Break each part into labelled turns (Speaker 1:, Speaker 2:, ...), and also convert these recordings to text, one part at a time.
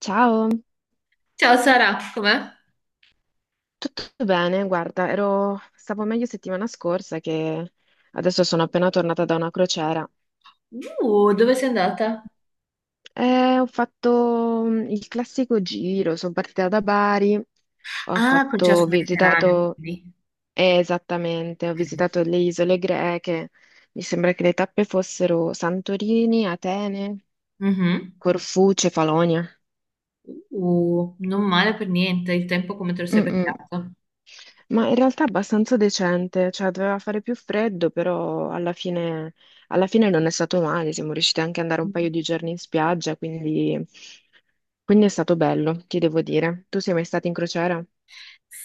Speaker 1: Ciao,
Speaker 2: Ciao Sara, com'è?
Speaker 1: tutto bene? Guarda, stavo meglio settimana scorsa che adesso sono appena tornata da una crociera
Speaker 2: Dove sei andata?
Speaker 1: e ho fatto il classico giro, sono partita da Bari, ho
Speaker 2: Ah, col
Speaker 1: fatto,
Speaker 2: cesso
Speaker 1: ho
Speaker 2: mediterraneo,
Speaker 1: visitato,
Speaker 2: quindi.
Speaker 1: esattamente, ho
Speaker 2: Ok.
Speaker 1: visitato le isole greche, mi sembra che le tappe fossero Santorini, Atene,
Speaker 2: Mhm.
Speaker 1: Corfù, Cefalonia.
Speaker 2: Non male per niente, il tempo come te lo sei
Speaker 1: Mm, mm.
Speaker 2: beccato?
Speaker 1: Ma in realtà abbastanza decente, cioè doveva fare più freddo, però alla fine non è stato male, siamo riusciti anche ad andare un paio di giorni in spiaggia, quindi è stato bello, ti devo dire. Tu sei mai stato in crociera?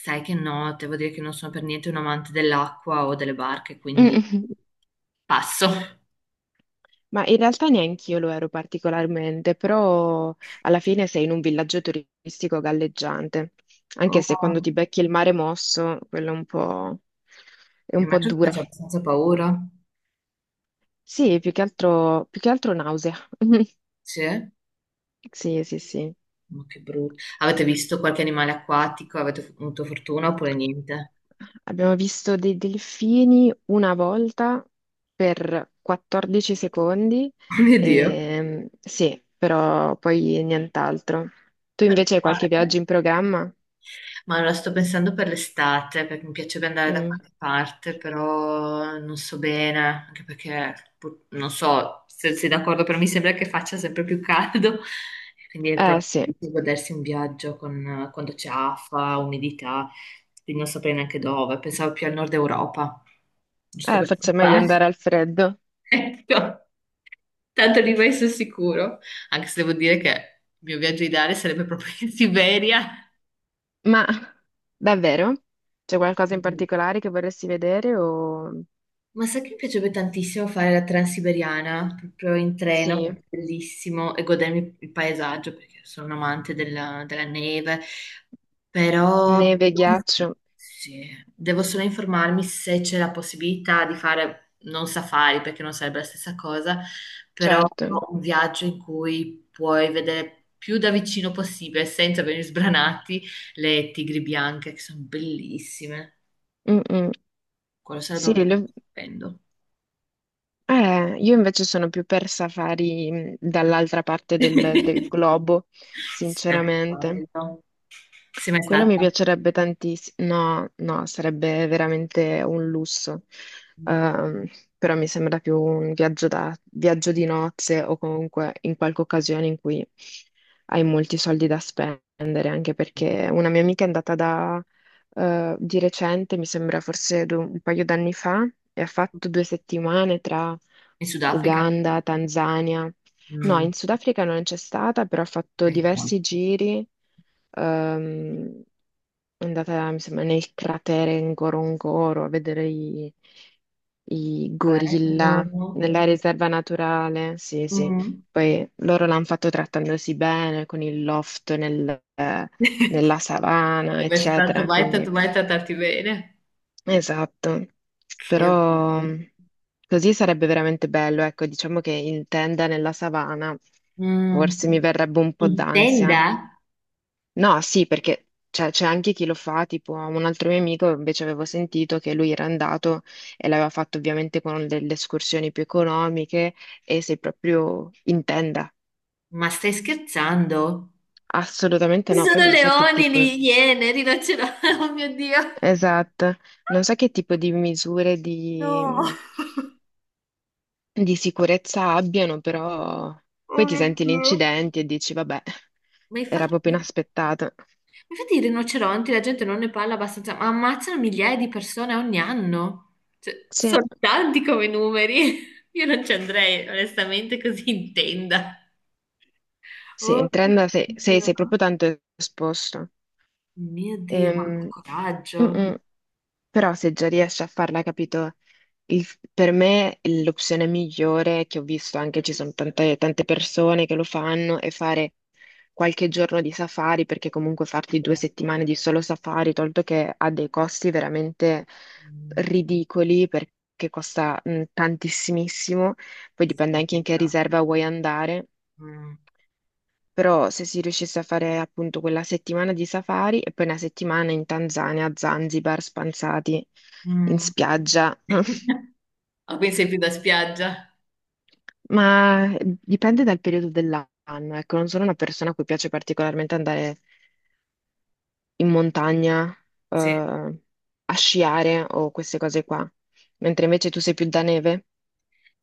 Speaker 2: Sai che no, devo dire che non sono per niente un amante dell'acqua o delle barche, quindi
Speaker 1: Mm.
Speaker 2: passo.
Speaker 1: Ma in realtà neanche io lo ero particolarmente, però alla fine sei in un villaggio turistico galleggiante, anche se quando
Speaker 2: Oh,
Speaker 1: ti becchi il mare mosso, quello è un po'
Speaker 2: immagino che
Speaker 1: dura.
Speaker 2: faccia abbastanza paura.
Speaker 1: Sì, più che altro nausea.
Speaker 2: Sì? Ma
Speaker 1: Sì, sì, sì.
Speaker 2: che brutto. Avete visto qualche animale acquatico? Avete avuto fortuna oppure niente?
Speaker 1: Abbiamo visto dei delfini una volta per 14 secondi,
Speaker 2: mio Dio.
Speaker 1: sì, però poi nient'altro. Tu
Speaker 2: Meno
Speaker 1: invece hai qualche
Speaker 2: male.
Speaker 1: viaggio in programma?
Speaker 2: Ma la sto pensando per l'estate, perché mi piacerebbe andare da
Speaker 1: Mm.
Speaker 2: qualche parte, però non so bene, anche perché non so se sei d'accordo, però mi sembra che faccia sempre più caldo, e quindi è
Speaker 1: Eh
Speaker 2: proprio
Speaker 1: sì,
Speaker 2: difficile godersi un viaggio con, quando c'è afa, umidità, quindi non saprei neanche dove, pensavo più al nord Europa, giusto per
Speaker 1: faccio meglio
Speaker 2: scappare.
Speaker 1: andare al freddo.
Speaker 2: Ecco, tanto lì vai sul sicuro, anche se devo dire che il mio viaggio ideale sarebbe proprio in Siberia.
Speaker 1: Ma davvero? C'è qualcosa in particolare che vorresti vedere o?
Speaker 2: Ma sai che mi piacerebbe tantissimo fare la Transiberiana proprio in treno,
Speaker 1: Sì,
Speaker 2: perché è bellissimo, e godermi il paesaggio perché sono un amante della neve, però
Speaker 1: neve, ghiaccio,
Speaker 2: sì, devo solo informarmi se c'è la possibilità di fare non safari perché non sarebbe la stessa cosa, però
Speaker 1: certo.
Speaker 2: un viaggio in cui puoi vedere più da vicino possibile, senza venire sbranati, le tigri bianche che sono bellissime.
Speaker 1: Mm-mm.
Speaker 2: Quello sarebbe
Speaker 1: Sì.
Speaker 2: un viaggio stupendo.
Speaker 1: Io invece sono più per safari, dall'altra parte del globo,
Speaker 2: Sì, anche
Speaker 1: sinceramente.
Speaker 2: quello. Sei mai
Speaker 1: Quello mi
Speaker 2: stata?
Speaker 1: piacerebbe tantissimo. No, no, sarebbe veramente un lusso.
Speaker 2: Mm.
Speaker 1: Ehm, però mi sembra più un viaggio, da, viaggio di nozze o comunque in qualche occasione in cui hai molti soldi da spendere, anche perché una mia amica è andata di recente, mi sembra forse un paio d'anni fa, e ha fatto 2 settimane tra
Speaker 2: In Sudafrica?
Speaker 1: Uganda, Tanzania. No,
Speaker 2: Mm.
Speaker 1: in Sudafrica non c'è stata, però ho fatto
Speaker 2: Ok.
Speaker 1: diversi giri. ehm, è andata, mi sembra, nel cratere Ngorongoro a vedere i gorilla
Speaker 2: Bello.
Speaker 1: nella riserva naturale. Sì, sì.
Speaker 2: Mm.
Speaker 1: Poi loro l'hanno fatto trattandosi bene con il loft nella savana,
Speaker 2: Sei mai stato
Speaker 1: eccetera.
Speaker 2: mai,
Speaker 1: Quindi.
Speaker 2: tanto mai trattarti bene?
Speaker 1: Esatto,
Speaker 2: Che...
Speaker 1: però così sarebbe veramente bello, ecco, diciamo che in tenda nella savana
Speaker 2: Mm.
Speaker 1: forse mi verrebbe un po'
Speaker 2: In
Speaker 1: d'ansia.
Speaker 2: tenda?
Speaker 1: No, sì, perché c'è anche chi lo fa, tipo un altro mio amico, invece avevo sentito che lui era andato e l'aveva fatto ovviamente con delle escursioni più economiche e sei proprio in tenda.
Speaker 2: Ma stai scherzando? Ci
Speaker 1: Assolutamente no, poi
Speaker 2: sono
Speaker 1: non so che
Speaker 2: leoni,
Speaker 1: tipo,
Speaker 2: lì, iene, rinoceronti, oh mio Dio.
Speaker 1: esatto, non so che tipo di misure
Speaker 2: No,
Speaker 1: di di sicurezza abbiano, però
Speaker 2: oh
Speaker 1: poi ti
Speaker 2: mio
Speaker 1: senti gli
Speaker 2: Dio.
Speaker 1: incidenti e dici, vabbè,
Speaker 2: Ma
Speaker 1: era proprio
Speaker 2: infatti,
Speaker 1: inaspettato.
Speaker 2: infatti i rinoceronti, la gente non ne parla abbastanza, ma ammazzano migliaia di persone ogni anno. Cioè,
Speaker 1: Sì,
Speaker 2: sono tanti come numeri. Io non ci andrei, onestamente, così in tenda.
Speaker 1: sì,
Speaker 2: Oh
Speaker 1: in
Speaker 2: mio
Speaker 1: trend sei, sei-
Speaker 2: Dio,
Speaker 1: sei proprio tanto esposto.
Speaker 2: mio Dio, ma che
Speaker 1: Ehm, mm,
Speaker 2: coraggio.
Speaker 1: mm. Però se già riesci a farla, capito? Il- per me l'opzione migliore che ho visto, anche ci sono tante, tante persone che lo fanno, è fare qualche giorno di safari, perché comunque farti due
Speaker 2: Eh,
Speaker 1: settimane di solo safari, tolto che ha dei costi veramente
Speaker 2: mm,
Speaker 1: ridicoli, perché costa tantissimissimo, poi dipende anche in che
Speaker 2: giustamente.
Speaker 1: riserva vuoi andare.
Speaker 2: Mm,
Speaker 1: Però se si riuscisse a fare appunto quella settimana di safari e poi una settimana in Tanzania, a Zanzibar, spanzati in
Speaker 2: mm.
Speaker 1: spiaggia,
Speaker 2: Ah, quindi sei più da spiaggia.
Speaker 1: ma dipende dal periodo dell'anno. Ecco, non sono una persona a cui piace particolarmente andare in montagna,
Speaker 2: Sì.
Speaker 1: a sciare o queste cose qua, mentre invece tu sei più da neve.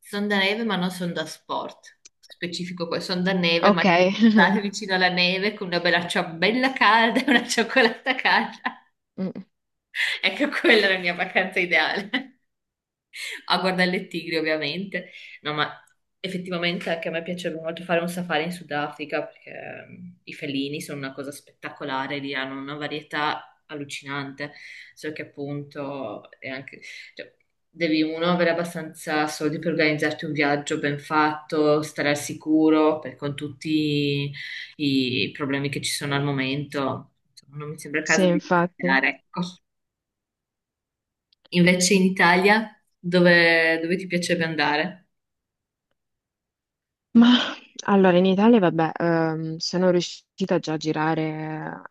Speaker 2: Sono da neve, ma non sono da sport. Specifico poi, sono da neve, ma
Speaker 1: Ok,
Speaker 2: ci può stare vicino alla neve con una bella ciambella calda e una cioccolata calda.
Speaker 1: Mm,
Speaker 2: Ecco, quella è la mia vacanza ideale a guardare il tigri ovviamente. No, ma effettivamente anche a me piacerebbe molto fare un safari in Sudafrica perché i felini sono una cosa spettacolare, lì hanno una varietà allucinante, so che appunto è anche... cioè, devi uno avere abbastanza soldi per organizzarti un viaggio ben fatto, stare al sicuro, con tutti i problemi che ci sono al momento. Insomma, non mi sembra il
Speaker 1: sì,
Speaker 2: caso di
Speaker 1: infatti.
Speaker 2: iniziare. Ecco. Invece in Italia, dove ti piacerebbe andare?
Speaker 1: Ma allora in Italia, vabbè, sono riuscita già a girare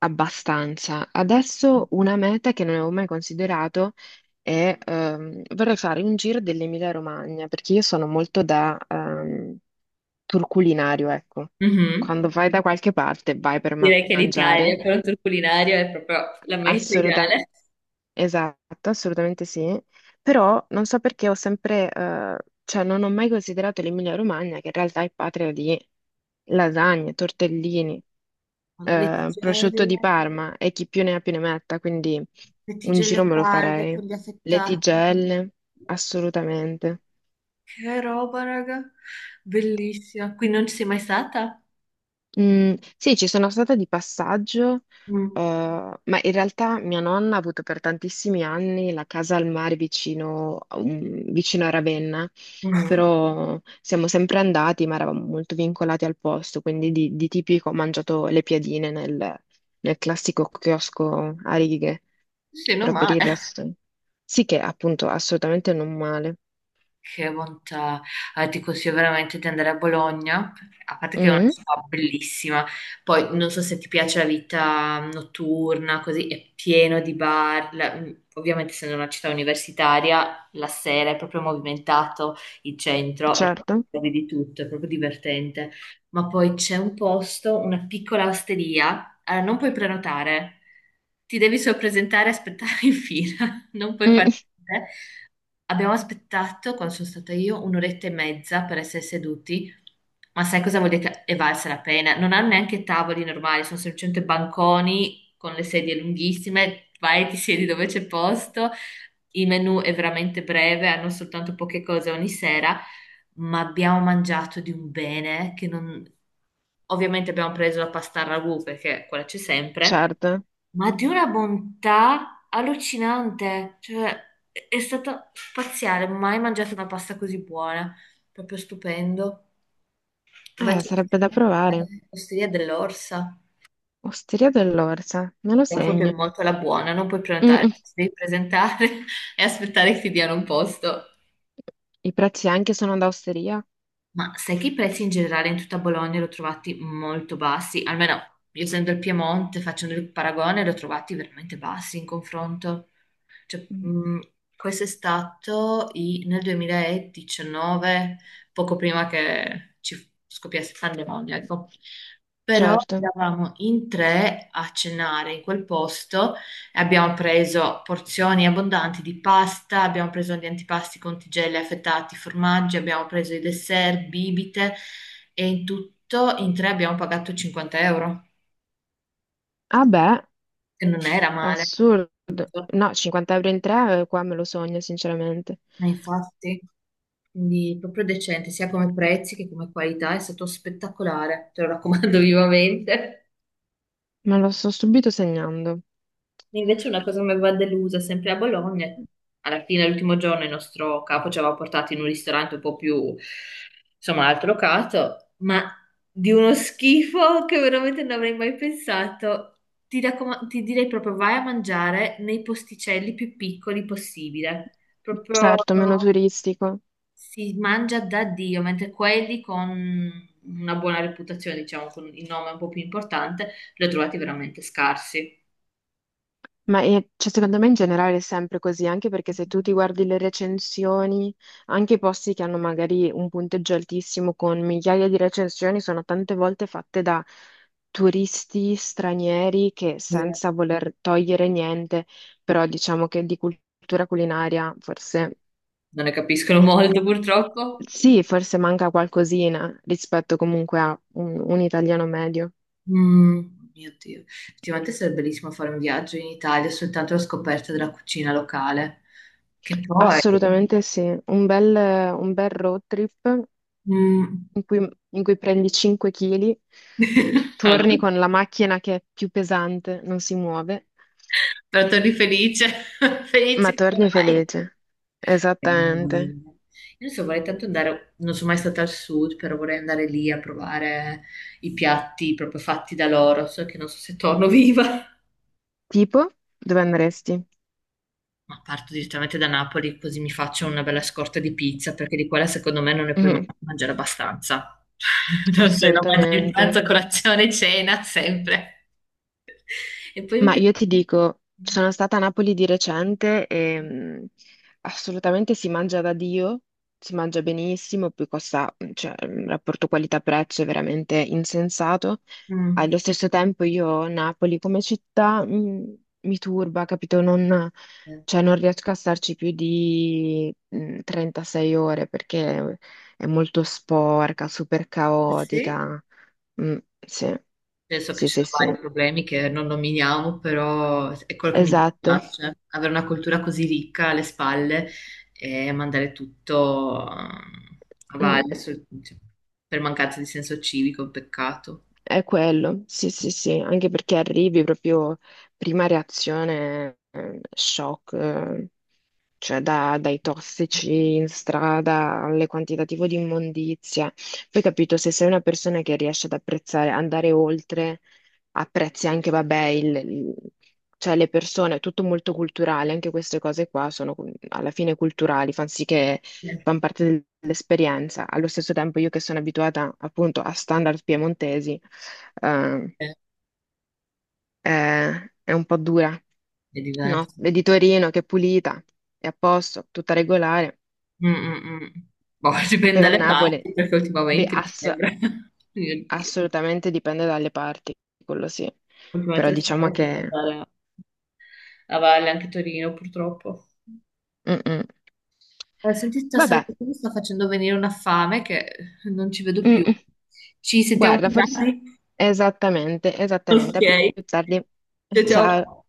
Speaker 1: abbastanza. Adesso una meta che non avevo mai considerato. È ehm, vorrei fare un giro dell'Emilia-Romagna perché io sono molto da tour culinario, ecco.
Speaker 2: Mhm.
Speaker 1: Quando vai da qualche parte vai per
Speaker 2: Direi che l'Italia
Speaker 1: mangiare,
Speaker 2: per un tour culinario è proprio la meta
Speaker 1: assolutamente
Speaker 2: ideale.
Speaker 1: esatto, assolutamente sì. Però non so perché ho sempre, cioè non ho mai considerato l'Emilia-Romagna che in realtà è patria di lasagne, tortellini.
Speaker 2: Le
Speaker 1: Prosciutto
Speaker 2: tigelle,
Speaker 1: di Parma e chi più ne ha più ne metta, quindi
Speaker 2: le
Speaker 1: un giro
Speaker 2: tigelle
Speaker 1: me lo
Speaker 2: calde
Speaker 1: farei.
Speaker 2: con gli
Speaker 1: Le
Speaker 2: affettati.
Speaker 1: tigelle, assolutamente.
Speaker 2: Che roba, raga. Bellissima. Qui non ci sei mai stata?
Speaker 1: Mm, sì, ci sono stata di passaggio,
Speaker 2: Mm.
Speaker 1: ma in realtà mia nonna ha avuto per tantissimi anni la casa al mare vicino, vicino a Ravenna,
Speaker 2: Mm.
Speaker 1: però siamo sempre andati, ma eravamo molto vincolati al posto, quindi di tipico ho mangiato le piadine nel classico chiosco a righe,
Speaker 2: Sì, non
Speaker 1: però per
Speaker 2: male.
Speaker 1: il resto sì che appunto assolutamente non male.
Speaker 2: Che bontà. Ti consiglio veramente di andare a Bologna, a parte che è una
Speaker 1: Mm,
Speaker 2: città bellissima, poi non so se ti piace la vita notturna, così è pieno di bar, ovviamente essendo una città universitaria, la sera è proprio movimentato, il centro è
Speaker 1: certo.
Speaker 2: trovi di tutto, è proprio divertente, ma poi c'è un posto, una piccola osteria, non puoi prenotare, ti devi solo presentare e aspettare in fila, non puoi
Speaker 1: Mm,
Speaker 2: fare niente. Abbiamo aspettato, quando sono stata io, un'oretta e mezza per essere seduti, ma sai cosa vuol dire che è valsa la pena? Non hanno neanche tavoli normali, sono semplicemente banconi con le sedie lunghissime, vai e ti siedi dove c'è posto, il menù è veramente breve, hanno soltanto poche cose ogni sera, ma abbiamo mangiato di un bene che non... Ovviamente abbiamo preso la pasta al ragù perché quella c'è sempre,
Speaker 1: certo.
Speaker 2: ma di una bontà allucinante, cioè è stato spaziale, mai mangiato una pasta così buona, proprio stupendo.
Speaker 1: eh,
Speaker 2: Invece
Speaker 1: sarebbe da provare.
Speaker 2: l'osteria dell'Orsa,
Speaker 1: Osteria dell'Orsa, me lo
Speaker 2: però proprio
Speaker 1: segno.
Speaker 2: molto alla buona, non puoi
Speaker 1: Mm,
Speaker 2: prenotare,
Speaker 1: mm.
Speaker 2: ti devi presentare e aspettare che ti diano un posto.
Speaker 1: I prezzi anche sono da osteria?
Speaker 2: Ma sai che i prezzi in generale in tutta Bologna li ho trovati molto bassi, almeno io essendo il Piemonte, facendo il paragone, li ho trovati veramente bassi in confronto. Cioè,
Speaker 1: Mm,
Speaker 2: questo è stato nel 2019, poco prima che ci scoppiasse la pandemia, ecco. Però
Speaker 1: certo.
Speaker 2: eravamo in tre a cenare in quel posto e abbiamo preso porzioni abbondanti di pasta, abbiamo preso gli antipasti con tigelle affettati, formaggi, abbiamo preso i dessert, bibite e in tutto in tre abbiamo pagato 50 euro,
Speaker 1: Ah beh,
Speaker 2: che non era male.
Speaker 1: assurdo. No, 50 € in tre, qua me lo sogno, sinceramente.
Speaker 2: Ma infatti, quindi proprio decente, sia come prezzi che come qualità, è stato spettacolare, te lo raccomando vivamente.
Speaker 1: Me lo sto subito segnando.
Speaker 2: E invece una cosa che mi aveva delusa, sempre a Bologna, alla fine, l'ultimo giorno, il nostro capo ci aveva portato in un ristorante un po' più, insomma, alto locato, ma di uno schifo che veramente non avrei mai pensato. Ti direi proprio vai a mangiare nei posticelli più piccoli possibile. Proprio...
Speaker 1: Certo, meno turistico.
Speaker 2: si mangia da Dio, mentre quelli con una buona reputazione, diciamo, con il nome un po' più importante, li ho trovati veramente scarsi.
Speaker 1: Ma cioè, secondo me in generale è sempre così, anche perché se tu ti guardi le recensioni, anche i posti che hanno magari un punteggio altissimo con migliaia di recensioni sono tante volte fatte da turisti stranieri che
Speaker 2: Eh,
Speaker 1: senza voler togliere niente, però diciamo che di cultura culinaria forse
Speaker 2: Non ne capiscono molto, purtroppo.
Speaker 1: sì, forse manca qualcosina rispetto comunque a un italiano medio. Mm.
Speaker 2: Mm, mio Dio, effettivamente sarebbe bellissimo fare un viaggio in Italia soltanto alla scoperta della cucina locale, che poi...
Speaker 1: Assolutamente sì, un bel road trip
Speaker 2: mm,
Speaker 1: in cui prendi 5 kg, torni con la macchina che è più pesante, non si muove,
Speaker 2: però torni felice,
Speaker 1: ma
Speaker 2: felice come
Speaker 1: torni
Speaker 2: vai.
Speaker 1: felice. Esattamente.
Speaker 2: Meraviglia. Io adesso vorrei tanto andare, non sono mai stata al sud, però vorrei andare lì a provare i piatti proprio fatti da loro, so che non so se torno viva.
Speaker 1: Tipo, dove andresti?
Speaker 2: Ma parto direttamente da Napoli, così mi faccio una bella scorta di pizza, perché di quella secondo me non ne puoi
Speaker 1: Mhm,
Speaker 2: mangiare abbastanza. Non sei no, mangi il
Speaker 1: assolutamente.
Speaker 2: pranzo, colazione, cena, sempre. E poi mi
Speaker 1: Ma
Speaker 2: piace...
Speaker 1: io ti dico, sono stata a Napoli di recente e assolutamente si mangia da Dio, si mangia benissimo, poi costa, cioè, il rapporto qualità-prezzo è veramente insensato. Allo
Speaker 2: Mm.
Speaker 1: stesso tempo io Napoli come città mi turba, capito? Non, cioè, non riesco a starci più di 36 ore perché è molto sporca, super
Speaker 2: Ah, sì?
Speaker 1: caotica. Mm, sì,
Speaker 2: Penso che
Speaker 1: sì,
Speaker 2: ci
Speaker 1: sì,
Speaker 2: sono
Speaker 1: sì,
Speaker 2: vari problemi che non nominiamo, però è quello che mi
Speaker 1: esatto.
Speaker 2: dispiace, avere una cultura così ricca alle spalle e mandare tutto
Speaker 1: Mm,
Speaker 2: cioè, per mancanza di senso civico, è un peccato.
Speaker 1: è quello, sì, sì, sì, anche perché arrivi proprio prima reazione, shock, cioè dai tossici in strada alle quantitativo di immondizia. Poi capito, se sei una persona che riesce ad apprezzare, andare oltre apprezzi anche, vabbè, cioè le persone, è tutto molto culturale, anche queste cose qua sono alla fine culturali, fanno sì che
Speaker 2: Eh,
Speaker 1: fanno parte dell'esperienza. Allo stesso tempo io che sono abituata appunto a standard piemontesi, eh,
Speaker 2: eh,
Speaker 1: è, è un po' dura,
Speaker 2: È
Speaker 1: no?
Speaker 2: diverso.
Speaker 1: Vedi Torino che è pulita, è a posto, tutta regolare,
Speaker 2: Mm, mm, mm. Boh, dipende
Speaker 1: poi va a
Speaker 2: dalle
Speaker 1: Napoli,
Speaker 2: parti, perché
Speaker 1: beh,
Speaker 2: ultimamente mi sembra, mio Dio,
Speaker 1: assolutamente dipende dalle parti, quello sì, però
Speaker 2: ultimamente stiamo
Speaker 1: diciamo che.
Speaker 2: andare a valle anche Torino, purtroppo.
Speaker 1: Mm-mm.
Speaker 2: Senti, stasera
Speaker 1: Vabbè,
Speaker 2: perché mi sta facendo venire una fame che non ci vedo
Speaker 1: Mm,
Speaker 2: più.
Speaker 1: mm.
Speaker 2: Ci sentiamo
Speaker 1: Guarda,
Speaker 2: più
Speaker 1: forse
Speaker 2: tardi?
Speaker 1: esattamente, esattamente. A
Speaker 2: Ok.
Speaker 1: più tardi.
Speaker 2: Ciao
Speaker 1: Ciao.
Speaker 2: ciao.